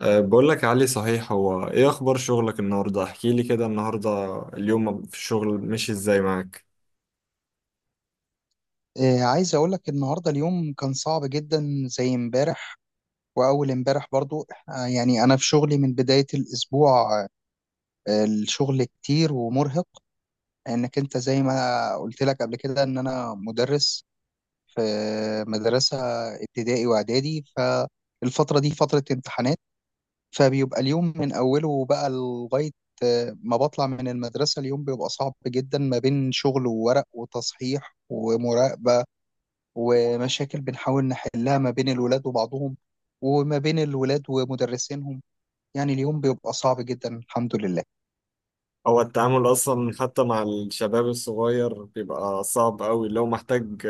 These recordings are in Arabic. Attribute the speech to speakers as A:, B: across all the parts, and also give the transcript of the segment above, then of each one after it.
A: بقول لك يا علي، صحيح هو ايه اخبار شغلك النهارده؟ احكي لي كده. النهارده اليوم في الشغل مشي ازاي معاك؟
B: عايز اقول لك النهارده اليوم كان صعب جدا زي امبارح، واول امبارح برضو. يعني انا في شغلي من بداية الاسبوع. الشغل كتير ومرهق، انك انت زي ما قلت لك قبل كده ان انا مدرس في مدرسة ابتدائي واعدادي. فالفترة دي فترة امتحانات، فبيبقى اليوم من اوله بقى لغاية ما بطلع من المدرسة. اليوم بيبقى صعب جدا ما بين شغل وورق وتصحيح ومراقبة، ومشاكل بنحاول نحلها ما بين الولاد وبعضهم، وما بين الولاد ومدرسينهم. يعني اليوم بيبقى صعب جدا، الحمد لله.
A: هو التعامل اصلا حتى مع الشباب الصغير بيبقى صعب قوي، لو محتاج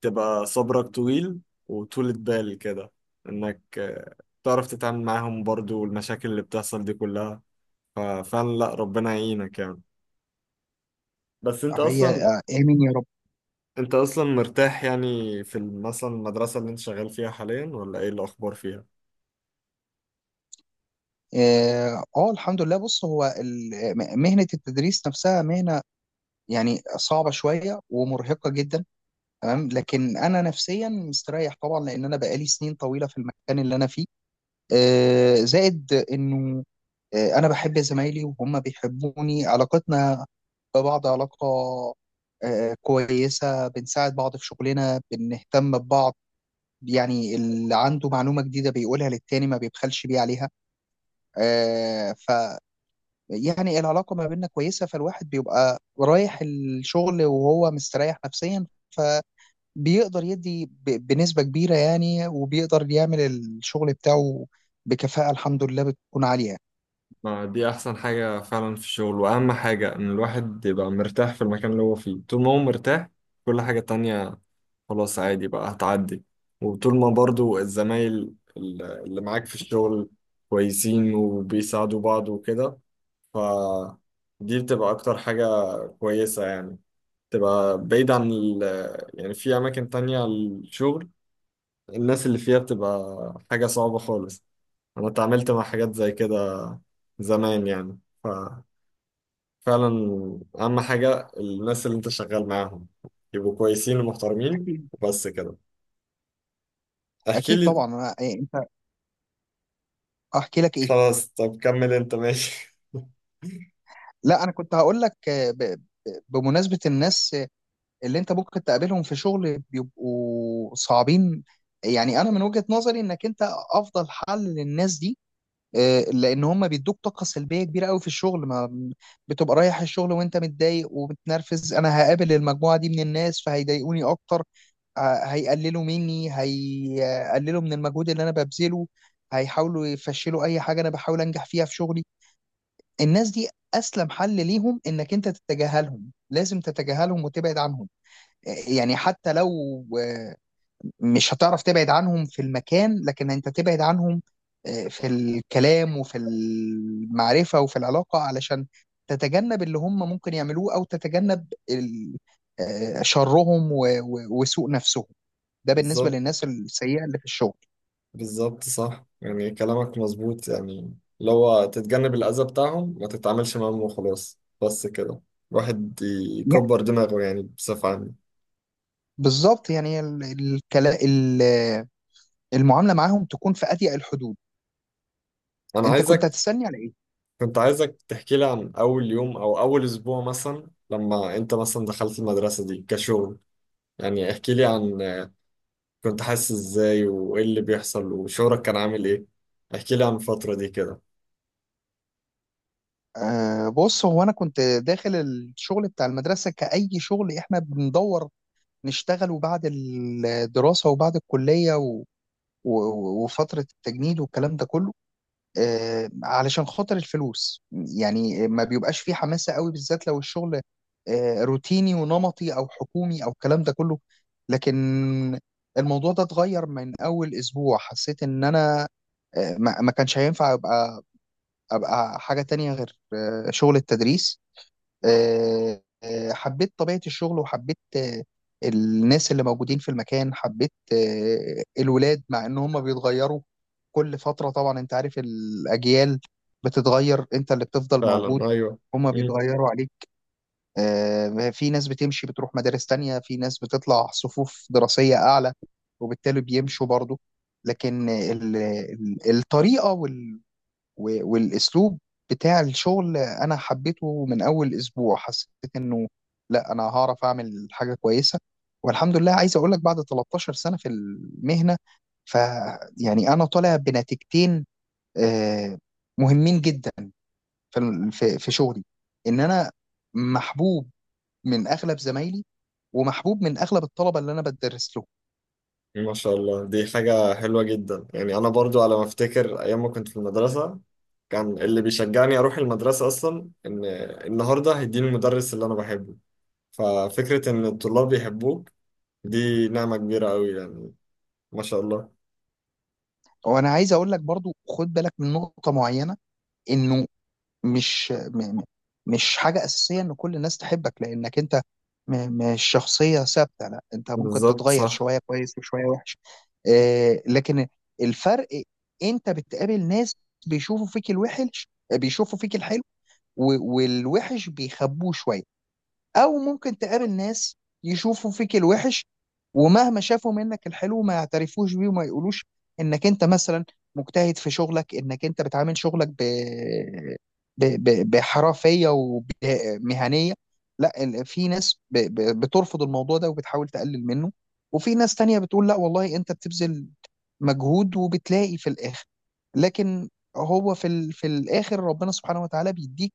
A: تبقى صبرك طويل وطولة بال كده، انك تعرف تتعامل معاهم برضو، والمشاكل اللي بتحصل دي كلها. ففعلا لا، ربنا يعينك يعني. بس انت
B: هي
A: اصلا
B: آه، آمين يا رب.
A: انت اصلا مرتاح يعني في مثلا المدرسة اللي انت شغال فيها حاليا، ولا ايه الاخبار فيها؟
B: اه، الحمد لله. بص هو مهنة التدريس نفسها مهنة يعني صعبة شوية ومرهقة جدا، تمام. لكن أنا نفسيا مستريح طبعا، لأن أنا بقالي سنين طويلة في المكان اللي أنا فيه. زائد إنه انا بحب زمايلي وهم بيحبوني، علاقتنا ببعض علاقة كويسة، بنساعد بعض في شغلنا، بنهتم ببعض. يعني اللي عنده معلومة جديدة بيقولها للتاني، ما بيبخلش بيه عليها. آه، ف يعني العلاقة ما بيننا كويسة، فالواحد بيبقى رايح الشغل وهو مستريح نفسيا، فبيقدر يدي بنسبة كبيرة يعني، وبيقدر يعمل الشغل بتاعه بكفاءة، الحمد لله، بتكون عالية.
A: ما دي أحسن حاجة فعلا في الشغل، وأهم حاجة إن الواحد يبقى مرتاح في المكان اللي هو فيه. طول ما هو مرتاح، كل حاجة تانية خلاص عادي بقى، هتعدي. وطول ما برضو الزمايل اللي معاك في الشغل كويسين وبيساعدوا بعض وكده، ف دي بتبقى أكتر حاجة كويسة يعني، تبقى بعيد عن يعني في أماكن تانية الشغل، الناس اللي فيها بتبقى حاجة صعبة خالص. أنا اتعاملت مع حاجات زي كده زمان يعني. ف فعلا اهم حاجه الناس اللي انت شغال معاهم يبقوا كويسين ومحترمين،
B: أكيد.
A: وبس كده. احكي
B: أكيد
A: لي.
B: طبعا، احكي لك ايه؟
A: خلاص، طب كمل انت ماشي.
B: لا، انا كنت هقول لك بمناسبة الناس اللي انت ممكن تقابلهم في شغل بيبقوا صعبين. يعني انا من وجهة نظري انك انت افضل حل للناس دي، لان هم بيدوك طاقة سلبية كبيرة قوي في الشغل. ما بتبقى رايح الشغل وانت متضايق ومتنرفز، انا هقابل المجموعة دي من الناس فهيضايقوني اكتر. هيقللوا مني، هيقللوا من المجهود اللي انا ببذله، هيحاولوا يفشلوا اي حاجة انا بحاول انجح فيها في شغلي. الناس دي اسلم حل ليهم انك انت تتجاهلهم، لازم تتجاهلهم وتبعد عنهم. يعني حتى لو مش هتعرف تبعد عنهم في المكان، لكن انت تبعد عنهم في الكلام وفي المعرفة وفي العلاقة، علشان تتجنب اللي هم ممكن يعملوه، او تتجنب شرهم وسوء نفسهم. ده بالنسبة
A: بالظبط.
B: للناس السيئة اللي في الشغل.
A: بالظبط، صح، يعني كلامك مظبوط يعني، اللي هو تتجنب الأذى بتاعهم، ما تتعاملش معاهم وخلاص، بس كده. الواحد
B: يعني
A: يكبر دماغه يعني بصفة عامة.
B: بالظبط، يعني المعاملة معاهم تكون في أضيق الحدود.
A: أنا
B: انت كنت
A: عايزك،
B: هتستني على ايه؟
A: كنت عايزك تحكي لي عن أول يوم أو أول أسبوع مثلا، لما أنت مثلا دخلت المدرسة دي كشغل. يعني احكي لي عن، كنت حاسس ازاي وايه اللي بيحصل، وشعورك كان عامل ايه. احكي لي عن الفترة دي كده.
B: بص هو انا كنت داخل الشغل بتاع المدرسه كأي شغل احنا بندور نشتغله بعد الدراسه وبعد الكليه و... وفتره التجنيد والكلام ده كله، علشان خاطر الفلوس. يعني ما بيبقاش فيه حماسه قوي، بالذات لو الشغل روتيني ونمطي او حكومي او الكلام ده كله. لكن الموضوع ده اتغير من اول اسبوع، حسيت ان انا ما كانش هينفع ابقى حاجه تانية غير شغل التدريس. حبيت طبيعه الشغل، وحبيت الناس اللي موجودين في المكان، حبيت الولاد، مع ان هم بيتغيروا كل فتره. طبعا انت عارف، الاجيال بتتغير، انت اللي بتفضل موجود،
A: فعلا، ايوه.
B: هم
A: مم.
B: بيتغيروا عليك. في ناس بتمشي بتروح مدارس تانية، في ناس بتطلع صفوف دراسيه اعلى وبالتالي بيمشوا برضه. لكن الطريقه والاسلوب بتاع الشغل انا حبيته من اول اسبوع، حسيت انه لا، انا هعرف اعمل حاجه كويسه. والحمد لله، عايز اقول لك بعد 13 سنه في المهنه، ف يعني انا طالع بنتيجتين آه، مهمين جدا في شغلي: ان انا محبوب من اغلب زمايلي، ومحبوب من اغلب الطلبه اللي انا بدرس لهم.
A: ما شاء الله، دي حاجة حلوة جدا يعني. انا برضو على ما افتكر ايام ما كنت في المدرسة، كان اللي بيشجعني اروح المدرسة اصلا ان النهاردة هيديني المدرس اللي انا بحبه. ففكرة ان الطلاب يحبوك دي نعمة كبيرة قوي يعني، ما شاء الله.
B: وانا عايز اقول لك برضو، خد بالك من نقطه معينه، انه مش م- م- مش حاجة أساسية إن كل الناس تحبك، لأنك أنت مش شخصية ثابتة، لا، أنت ممكن
A: بالظبط،
B: تتغير
A: صح.
B: شوية كويس وشوية وحش. لكن الفرق، أنت بتقابل ناس بيشوفوا فيك الوحش، بيشوفوا فيك الحلو والوحش بيخبوه شوية، او ممكن تقابل ناس يشوفوا فيك الوحش، ومهما شافوا منك الحلو ما يعترفوش بيه وما يقولوش انك انت مثلا مجتهد في شغلك، انك انت بتعامل شغلك بحرفية ومهنية. لا، في ناس بترفض الموضوع ده وبتحاول تقلل منه، وفي ناس تانية بتقول لا والله انت بتبذل مجهود، وبتلاقي في الاخر. لكن هو في في الاخر ربنا سبحانه وتعالى بيديك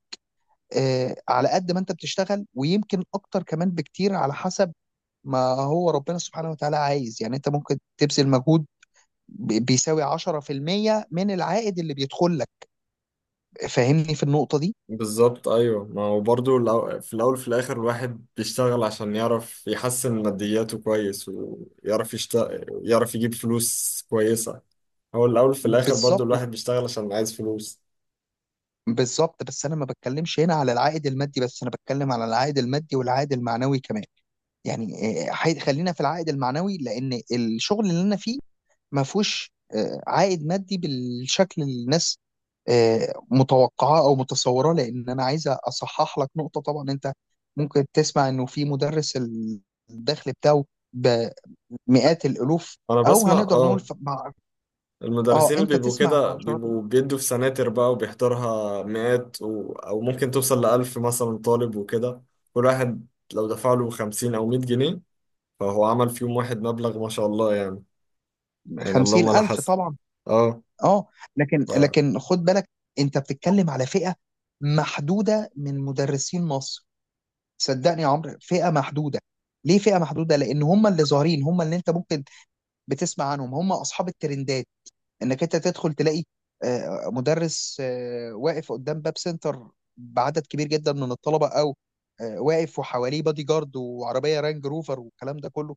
B: على قد ما انت بتشتغل، ويمكن اكتر كمان بكتير على حسب ما هو ربنا سبحانه وتعالى عايز. يعني انت ممكن تبذل مجهود بيساوي 10% من العائد اللي بيدخل لك. فاهمني في النقطة دي؟
A: بالظبط، ايوه، ما هو برضو في الاول وفي الاخر الواحد بيشتغل عشان يعرف يحسن مادياته كويس، ويعرف يشتغل، يعرف يجيب فلوس كويسه. هو الاول في الاخر برضو
B: بالظبط.
A: الواحد بيشتغل عشان عايز فلوس.
B: بالظبط، بس انا ما بتكلمش هنا على العائد المادي بس، انا بتكلم على العائد المادي والعائد المعنوي كمان. يعني خلينا في العائد المعنوي، لان الشغل اللي انا فيه ما فيهوش عائد مادي بالشكل اللي الناس متوقعاه او متصوراه. لان انا عايز اصحح لك نقطه. طبعا انت ممكن تسمع انه في مدرس الدخل بتاعه بمئات الالوف،
A: انا
B: او
A: بسمع،
B: هنقدر نقول
A: اه. المدرسين اللي
B: انت
A: بيبقوا
B: تسمع في
A: كده
B: عشرات،
A: بيبقوا بيدوا في سناتر بقى، وبيحضرها مئات و... او ممكن توصل لألف مثلا طالب وكده. كل واحد لو دفع له 50 او 100 جنيه، فهو عمل في يوم واحد مبلغ ما شاء الله يعني، يعني
B: خمسين
A: اللهم لا
B: الف
A: حسن.
B: طبعا.
A: اه.
B: اه لكن خد بالك، انت بتتكلم على فئه محدوده من مدرسين مصر. صدقني يا عمرو، فئه محدوده. ليه فئه محدوده؟ لان هم اللي ظاهرين، هم اللي انت ممكن بتسمع عنهم، هم اصحاب الترندات، انك انت تدخل تلاقي مدرس واقف قدام باب سنتر بعدد كبير جدا من الطلبه، او واقف وحواليه بادي جارد وعربيه رانج روفر والكلام ده كله.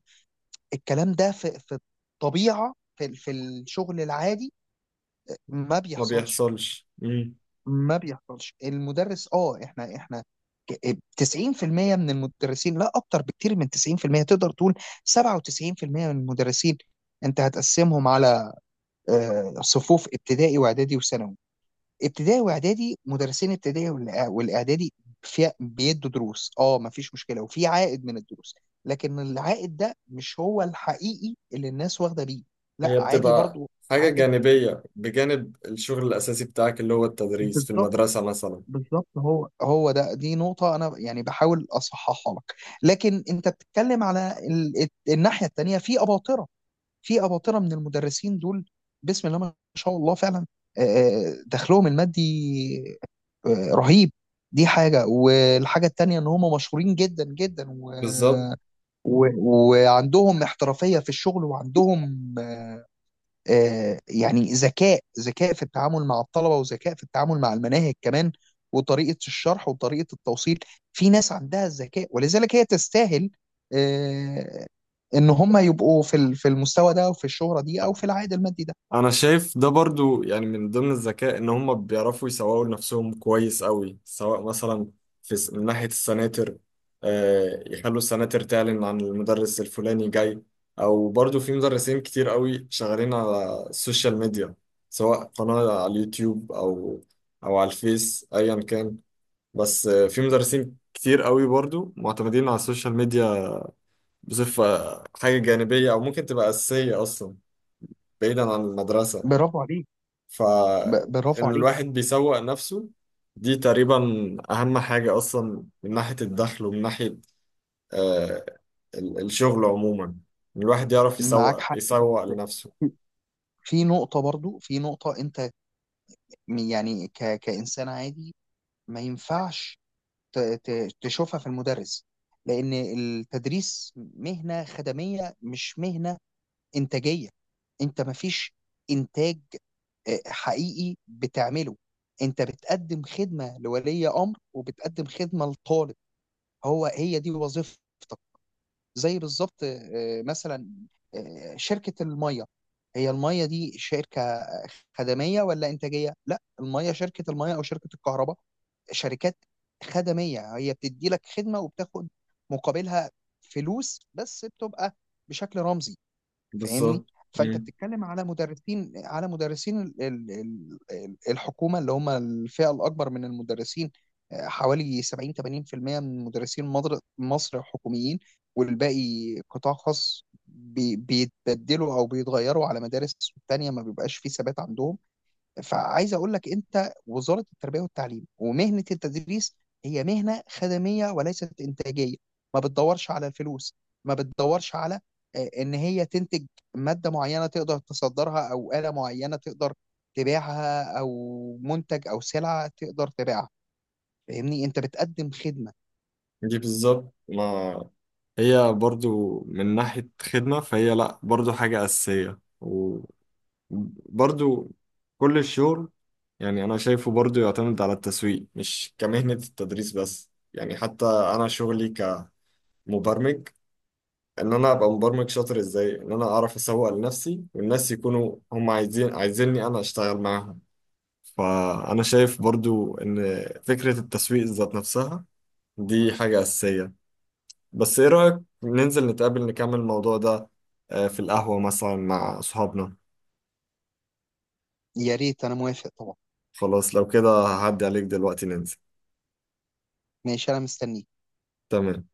B: الكلام ده في الطبيعه، في الشغل العادي، ما
A: ما
B: بيحصلش.
A: بيحصلش. مم.
B: ما بيحصلش. المدرس، احنا 90% من المدرسين، لا، اكتر بكتير من 90%، تقدر تقول 97% من المدرسين، انت هتقسمهم على صفوف ابتدائي واعدادي وثانوي. ابتدائي واعدادي، مدرسين ابتدائي والاعدادي في بيدوا دروس، ما فيش مشكله، وفي عائد من الدروس. لكن العائد ده مش هو الحقيقي اللي الناس واخده بيه، لا،
A: هي
B: عادي
A: بتبقى
B: برضو
A: حاجة
B: عائد.
A: جانبية بجانب الشغل الأساسي بتاعك اللي هو التدريس في
B: بالظبط.
A: المدرسة مثلا.
B: بالظبط، هو ده، دي نقطة أنا يعني بحاول أصححها لك. لكن أنت بتتكلم على الناحية التانية، في أباطرة، في أباطرة من المدرسين دول، بسم الله ما شاء الله فعلا. آه، دخلهم المادي رهيب. دي حاجة، والحاجة التانية ان هم مشهورين جدا جدا،
A: بالظبط.
B: و... وعندهم احترافية في الشغل، وعندهم يعني ذكاء في التعامل مع الطلبة، وذكاء في التعامل مع المناهج كمان، وطريقة الشرح وطريقة التوصيل. في ناس عندها الذكاء، ولذلك هي تستاهل آه، ان هم يبقوا في في المستوى ده، او في الشهرة دي، او في العائد المادي ده.
A: أنا شايف ده برضو يعني من ضمن الذكاء إن هم بيعرفوا يسوقوا لنفسهم كويس قوي، سواء مثلا في من ناحية السناتر، يخلوا السناتر تعلن عن المدرس الفلاني جاي، أو برضو في مدرسين كتير قوي شغالين على السوشيال ميديا، سواء قناة على اليوتيوب أو أو على الفيس، أيا كان. بس في مدرسين كتير قوي برضو معتمدين على السوشيال ميديا بصفة حاجة جانبية، أو ممكن تبقى أساسية أصلا بعيدا عن المدرسة.
B: برافو عليك. برافو
A: فإن
B: عليك.
A: الواحد بيسوق نفسه، دي تقريبا أهم حاجة أصلا من ناحية الدخل ومن ناحية آه الشغل عموما، إن الواحد يعرف
B: معاك
A: يسوق،
B: حق،
A: يسوق
B: بس
A: لنفسه.
B: في نقطة برضو، في نقطة أنت يعني كإنسان عادي ما ينفعش تشوفها في المدرس، لأن التدريس مهنة خدمية مش مهنة إنتاجية. أنت ما فيش إنتاج حقيقي بتعمله، أنت بتقدم خدمة لولي أمر، وبتقدم خدمة لطالب، هو هي دي وظيفتك. زي بالظبط مثلا شركة المية، هي المية دي شركة خدمية ولا إنتاجية؟ لا، المية، شركة المية أو شركة الكهرباء، شركات خدمية، هي بتدي لك خدمة وبتاخد مقابلها فلوس بس بتبقى بشكل رمزي. فاهمني؟
A: بالظبط.
B: فانت
A: مم.
B: بتتكلم على مدرسين، على مدرسين الحكومه اللي هم الفئه الاكبر من المدرسين، حوالي 70 80% من مدرسين مصر حكوميين، والباقي قطاع خاص بيتبدلوا او بيتغيروا على مدارس تانية، ما بيبقاش فيه ثبات عندهم. فعايز اقول لك، انت وزاره التربيه والتعليم ومهنه التدريس هي مهنه خدميه وليست انتاجيه، ما بتدورش على الفلوس، ما بتدورش على ان هي تنتج ماده معينه تقدر تصدرها، او اله معينه تقدر تبيعها، او منتج او سلعه تقدر تبيعها. فاهمني، انت بتقدم خدمه.
A: دي بالظبط، ما هي برضو من ناحية خدمة، فهي لأ، برضو حاجة أساسية. برضو كل الشغل يعني أنا شايفه برضو يعتمد على التسويق، مش كمهنة التدريس بس يعني، حتى أنا شغلي كمبرمج، إن أنا أبقى مبرمج شاطر إزاي، إن أنا أعرف أسوق لنفسي والناس يكونوا هم عايزين، عايزيني أنا أشتغل معاهم. فأنا شايف برضو إن فكرة التسويق ذات نفسها دي حاجة أساسية. بس إيه رأيك ننزل نتقابل نكمل الموضوع ده في القهوة مثلا مع أصحابنا؟
B: يا ريت، انا موافق طبعا.
A: خلاص، لو كده هعدي عليك دلوقتي ننزل.
B: ماشي، انا مستني.
A: تمام.